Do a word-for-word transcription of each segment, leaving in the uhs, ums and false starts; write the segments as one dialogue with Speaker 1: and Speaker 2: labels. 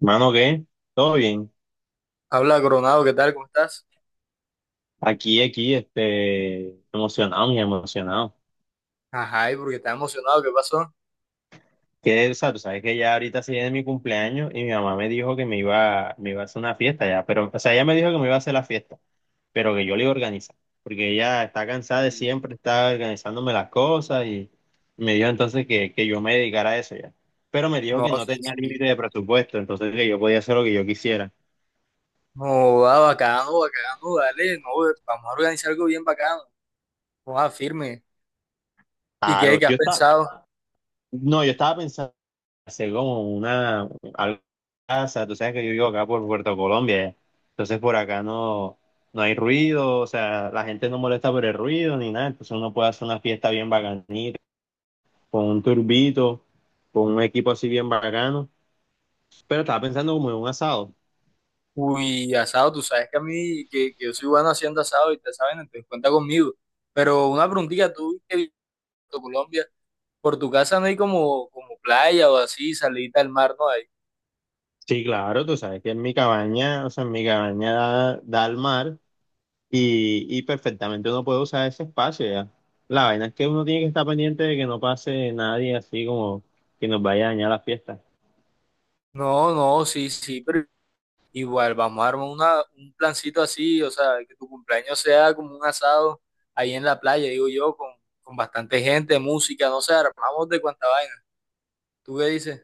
Speaker 1: Mano, ¿qué? ¿Todo bien?
Speaker 2: Habla Coronado, ¿qué tal? ¿Cómo estás?
Speaker 1: Aquí, aquí, este, emocionado, muy emocionado.
Speaker 2: Ajá, ¿y porque estás emocionado? ¿Qué pasó?
Speaker 1: Que, o sea, tú sabes que ya ahorita se viene mi cumpleaños y mi mamá me dijo que me iba, me iba a hacer una fiesta ya, pero, o sea, ella me dijo que me iba a hacer la fiesta, pero que yo le iba a organizar, porque ella está cansada de siempre estar organizándome las cosas y me dijo entonces que, que yo me dedicara a eso ya. Pero me dijo
Speaker 2: No,
Speaker 1: que no
Speaker 2: sí,
Speaker 1: tenía límite
Speaker 2: sí.
Speaker 1: de presupuesto, entonces que yo podía hacer lo que yo quisiera.
Speaker 2: No, va, bacano, bacano, dale, no, vamos a organizar algo bien bacano. Vamos a firme. ¿Y qué,
Speaker 1: Claro,
Speaker 2: qué has
Speaker 1: yo estaba,
Speaker 2: pensado?
Speaker 1: no, yo estaba pensando hacer como una algo en casa. Tú sabes que yo vivo acá por Puerto Colombia, entonces por acá no, no hay ruido, o sea, la gente no molesta por el ruido ni nada, entonces uno puede hacer una fiesta bien bacanita, con un turbito, con un equipo así bien bacano. Pero estaba pensando como en un asado.
Speaker 2: Uy, asado, tú sabes que a mí, que, que yo soy bueno haciendo asado y te saben, entonces cuenta conmigo. Pero una preguntita, tú que vives en Colombia, por tu casa no hay como, como playa o así, salida al mar, no hay.
Speaker 1: Sí, claro, tú sabes que en mi cabaña, o sea, en mi cabaña da, da al mar y, y perfectamente uno puede usar ese espacio ya. La vaina es que uno tiene que estar pendiente de que no pase nadie así como que nos vaya a dañar la fiesta.
Speaker 2: No, no, sí, sí, pero igual, vamos a armar una, un plancito así, o sea, que tu cumpleaños sea como un asado ahí en la playa, digo yo, con, con bastante gente, música, no sé, armamos de cuánta vaina. ¿Tú qué dices?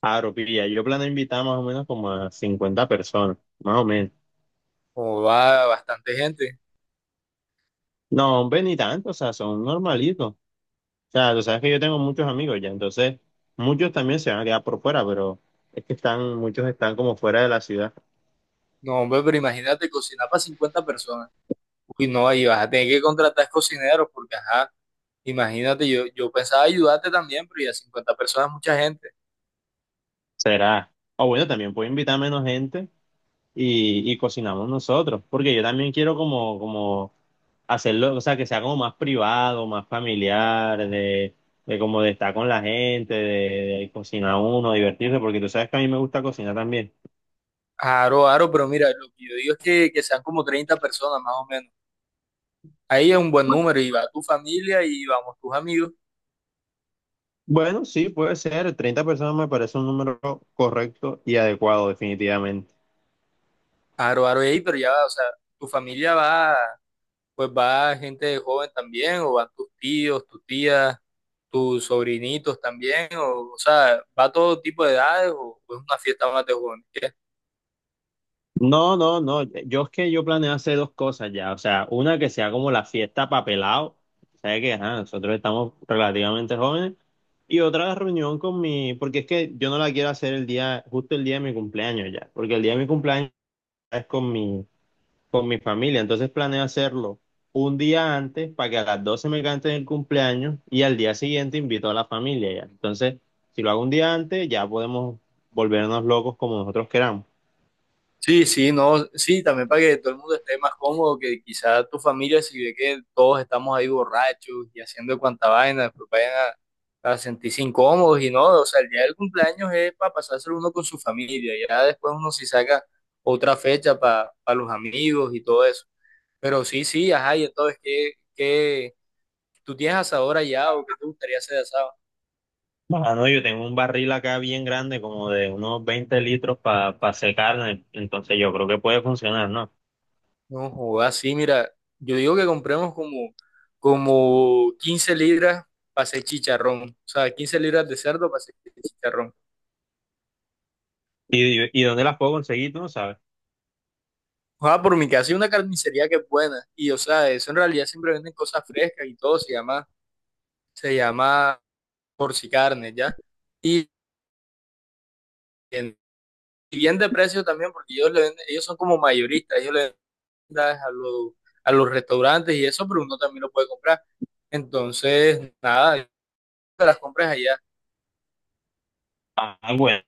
Speaker 1: Aro, pilla, yo planeo invitar más o menos como a cincuenta personas, más o menos.
Speaker 2: Como va bastante gente.
Speaker 1: No, hombre, ni tanto, o sea, son normalitos. O sea, tú sabes que yo tengo muchos amigos ya, entonces muchos también se van a quedar por fuera, pero es que están, muchos están como fuera de la ciudad.
Speaker 2: No, hombre, pero imagínate cocinar para cincuenta personas. Uy, no, ahí vas a tener que contratar cocineros porque, ajá, imagínate, yo, yo pensaba ayudarte también, pero ya cincuenta personas es mucha gente.
Speaker 1: Será. O bueno, también puedo invitar menos gente y, y cocinamos nosotros, porque yo también quiero como, como hacerlo, o sea, que sea como más privado, más familiar, de, de como de, estar con la gente, de, de cocinar uno, divertirse, porque tú sabes que a mí me gusta cocinar también.
Speaker 2: Aro, aro, pero mira, lo que yo digo es que, que sean como treinta personas más o menos. Ahí es un buen número y va tu familia y vamos tus amigos.
Speaker 1: Bueno, sí, puede ser, treinta personas me parece un número correcto y adecuado, definitivamente.
Speaker 2: Aro, aro, ey, pero ya va, o sea, tu familia va, pues va gente joven también, o van tus tíos, tus tías, tus sobrinitos también, o, o sea, va todo tipo de edades, o, o es una fiesta más de jóvenes. ¿Qué?
Speaker 1: No, no, no. Yo es que yo planeo hacer dos cosas ya. O sea, una que sea como la fiesta papelado. ¿Sabes qué? Ajá, nosotros estamos relativamente jóvenes. Y otra reunión con mi, porque es que yo no la quiero hacer el día, justo el día de mi cumpleaños ya. Porque el día de mi cumpleaños es con mi, con mi familia. Entonces planeo hacerlo un día antes para que a las doce me canten el cumpleaños y al día siguiente invito a la familia ya. Entonces, si lo hago un día antes, ya podemos volvernos locos como nosotros queramos.
Speaker 2: Sí, sí, no, sí, también para que todo el mundo esté más cómodo, que quizá tu familia, si ve que todos estamos ahí borrachos y haciendo cuanta vaina, después vayan a, a sentirse incómodos y no, o sea, el día del cumpleaños es para pasárselo uno con su familia, ya después uno si saca otra fecha para los amigos y todo eso. Pero sí, sí, ajá, y entonces, ¿qué, qué, ¿tú tienes asador allá o qué te gustaría hacer de asado?
Speaker 1: Mano, yo tengo un barril acá bien grande, como de unos veinte litros para hacer carne, entonces yo creo que puede funcionar, ¿no?
Speaker 2: No jodas, sí, mira, yo digo que compremos como, como quince libras para hacer chicharrón. O sea, quince libras de cerdo para hacer chicharrón.
Speaker 1: ¿Y, y dónde las puedo conseguir? Tú no sabes.
Speaker 2: Ojalá por mi casa hay una carnicería que es buena. Y o sea, eso en realidad siempre venden cosas frescas y todo, se llama, se llama porcicarne, ¿ya? Y, en- y bien de precio también, porque ellos le venden- ellos son como mayoristas, ellos le venden a los, a los restaurantes y eso, pero uno también lo puede comprar. Entonces, nada, las compras allá.
Speaker 1: Ah, bueno.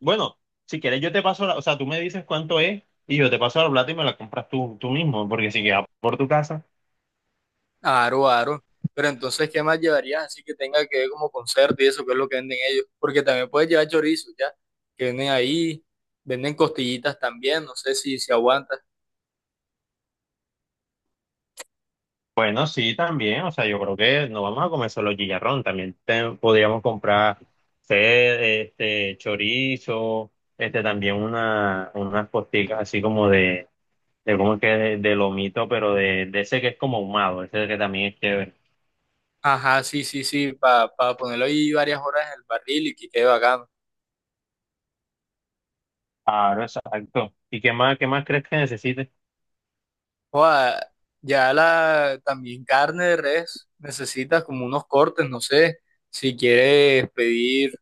Speaker 1: Bueno, si quieres yo te paso la, o sea, tú me dices cuánto es y yo te paso la plata y me la compras tú, tú mismo, porque si queda por tu casa,
Speaker 2: Aro, aro. Pero entonces, ¿qué más llevarías así que tenga que ver como concierto y eso, que es lo que venden ellos? Porque también puedes llevar chorizos, ¿ya? Que venden ahí, venden costillitas también, no sé si, si aguantas.
Speaker 1: bueno, sí, también, o sea, yo creo que no vamos a comer solo chicharrón, también te- podríamos comprar, sé, este, chorizo, este, también una, unas posticas así como de de cómo es que de, de lomito, pero de, de ese que es como ahumado, ese que también es chévere.
Speaker 2: Ajá, sí, sí, sí, para ponerlo ahí varias horas en el barril y que quede bacano.
Speaker 1: Claro, exacto. ¿Y qué más, qué más crees que necesites?
Speaker 2: Joda, ya la, también carne de res, necesitas como unos cortes, no sé, si quieres pedir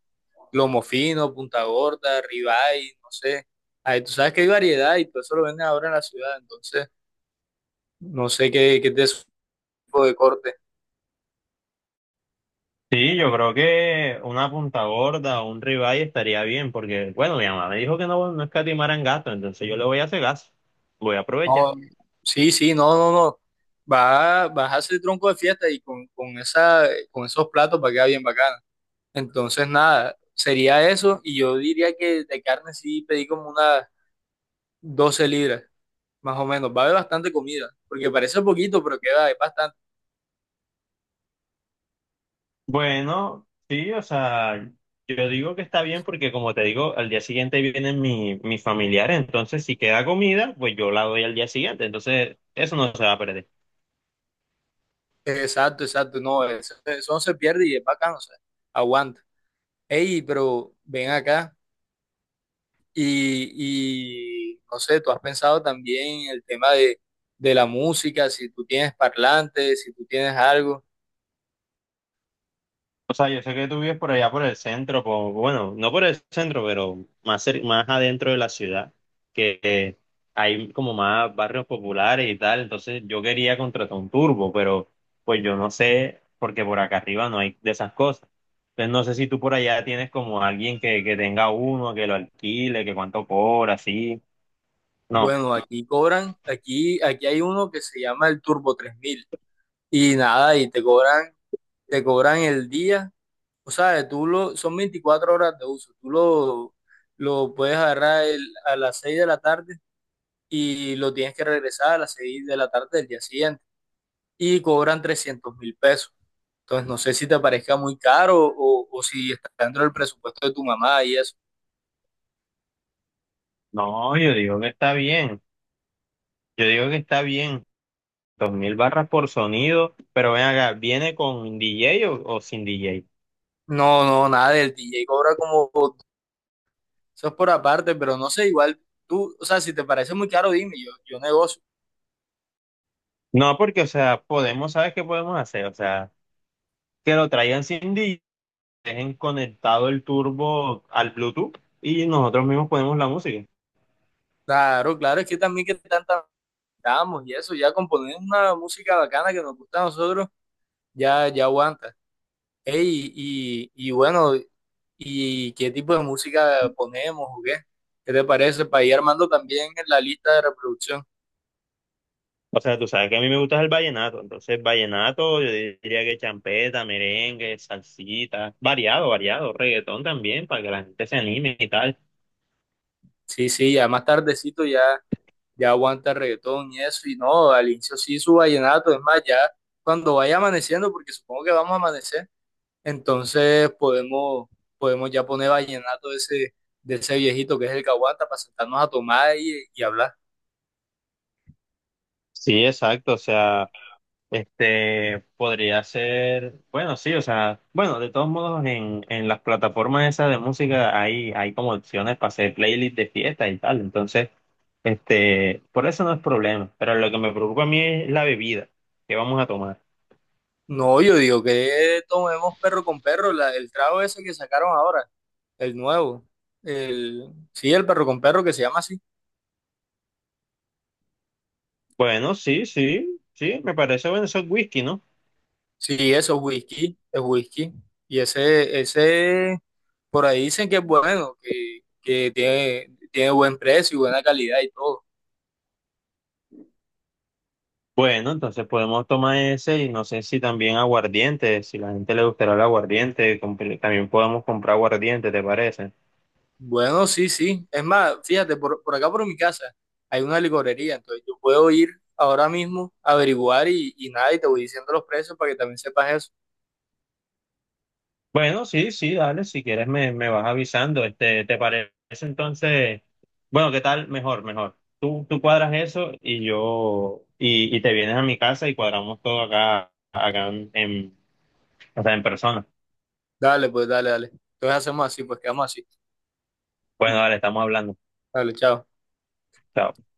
Speaker 2: lomo fino, punta gorda, ribeye, no sé. Ahí tú sabes que hay variedad y todo eso lo venden ahora en la ciudad, entonces. No sé qué, qué es de su tipo de corte.
Speaker 1: Sí, yo creo que una punta gorda o un ribeye estaría bien, porque, bueno, mi mamá me dijo que no, no escatimaran gasto, entonces yo le voy a hacer gas, voy a
Speaker 2: No,
Speaker 1: aprovechar.
Speaker 2: sí, sí, no, no, no. Va, vas a hacer tronco de fiesta y con, con esa, con esos platos va a quedar bien bacana. Entonces, nada, sería eso. Y yo diría que de carne sí pedí como unas doce libras, más o menos. Va a haber bastante comida, porque parece poquito, pero queda, es bastante.
Speaker 1: Bueno, sí, o sea, yo digo que está bien porque, como te digo, al día siguiente vienen mi, mis familiares, entonces si queda comida, pues yo la doy al día siguiente, entonces eso no se va a perder.
Speaker 2: Exacto, exacto. No, eso, eso no se pierde y es bacano, o sea, aguanta. Ey, pero ven acá. Y, y, no sé, tú has pensado también en el tema de, de la música, si tú tienes parlantes, si tú tienes algo.
Speaker 1: O sea, yo sé que tú vives por allá por el centro, po- bueno, no por el centro, pero más, cer- más adentro de la ciudad, que que hay como más barrios populares y tal. Entonces yo quería contratar un turbo, pero pues yo no sé, porque por acá arriba no hay de esas cosas. Entonces no sé si tú por allá tienes como alguien que, que tenga uno, que lo alquile, que cuánto cobra, así. No,
Speaker 2: Bueno, aquí cobran, aquí, aquí hay uno que se llama el Turbo tres mil y nada, y te cobran, te cobran el día, o sea, tú lo, son veinticuatro horas de uso, tú lo, lo puedes agarrar el- a las seis de la tarde y lo tienes que regresar a las seis de la tarde del día siguiente y cobran trescientos mil pesos. Entonces, no sé si te parezca muy caro o, o si está dentro del presupuesto de tu mamá y eso.
Speaker 1: no, yo digo que está bien. Yo digo que está bien. Dos mil barras por sonido, pero ven acá, ¿viene con D J o o sin D J?
Speaker 2: No, no, nada del D J cobra como, eso es por aparte, pero no sé, igual tú, o sea, si te parece muy caro, dime, yo, yo negocio.
Speaker 1: No, porque, o sea, podemos, ¿sabes qué podemos hacer? O sea, que lo traigan sin D J, dejen conectado el turbo al Bluetooth y nosotros mismos ponemos la música.
Speaker 2: Claro, claro, es que también que tanta damos y eso, ya componer una música bacana que nos gusta a nosotros, ya, ya aguanta. Ey, y, y bueno, ¿y qué tipo de música ponemos o qué? ¿Qué te parece? Para ir armando también en la lista de reproducción.
Speaker 1: O sea, tú sabes que a mí me gusta el vallenato, entonces vallenato, yo diría que champeta, merengue, salsita, variado, variado, reggaetón también, para que la gente se anime y tal.
Speaker 2: Sí, sí, ya más tardecito ya ya aguanta reggaetón y eso, y no, al inicio sí su vallenato, es más, ya cuando vaya amaneciendo, porque supongo que vamos a amanecer, entonces podemos, podemos ya poner vallenato de ese, de ese viejito que es el que aguanta para sentarnos a tomar y, y hablar.
Speaker 1: Sí, exacto, o sea. Este, podría ser, bueno, sí, o sea, bueno, de todos modos en, en las plataformas esas de música hay, hay como opciones para hacer playlists de fiesta y tal, entonces, este, por eso no es problema, pero lo que me preocupa a mí es la bebida que vamos a tomar.
Speaker 2: No, yo digo que tomemos perro con perro, la- el trago ese que sacaron ahora, el nuevo, el, sí, el perro con perro que se llama así.
Speaker 1: Bueno, sí, sí, sí, me parece bueno, eso es whisky, ¿no?
Speaker 2: Sí, eso es whisky, es whisky. Y ese, ese, por ahí dicen que es bueno, que, que tiene, tiene buen precio y buena calidad y todo.
Speaker 1: Bueno, entonces podemos tomar ese y no sé si también aguardiente, si la gente le gustará el aguardiente, compre- también podemos comprar aguardiente, ¿te parece?
Speaker 2: Bueno, sí, sí. Es más, fíjate, por, por acá por mi casa hay una licorería, entonces yo puedo ir ahora mismo a averiguar y, y nada, y te voy diciendo los precios para que también sepas eso.
Speaker 1: Bueno, sí, sí, dale, si quieres me, me vas avisando, este, ¿te parece entonces? Bueno, ¿qué tal? Mejor, mejor. Tú, tú cuadras eso y yo, y, y te vienes a mi casa y cuadramos todo acá, acá en, en- o sea, en persona.
Speaker 2: Dale, pues, dale, dale. Entonces hacemos así, pues quedamos así.
Speaker 1: Bueno, dale, estamos hablando.
Speaker 2: Dale, chao.
Speaker 1: Chao.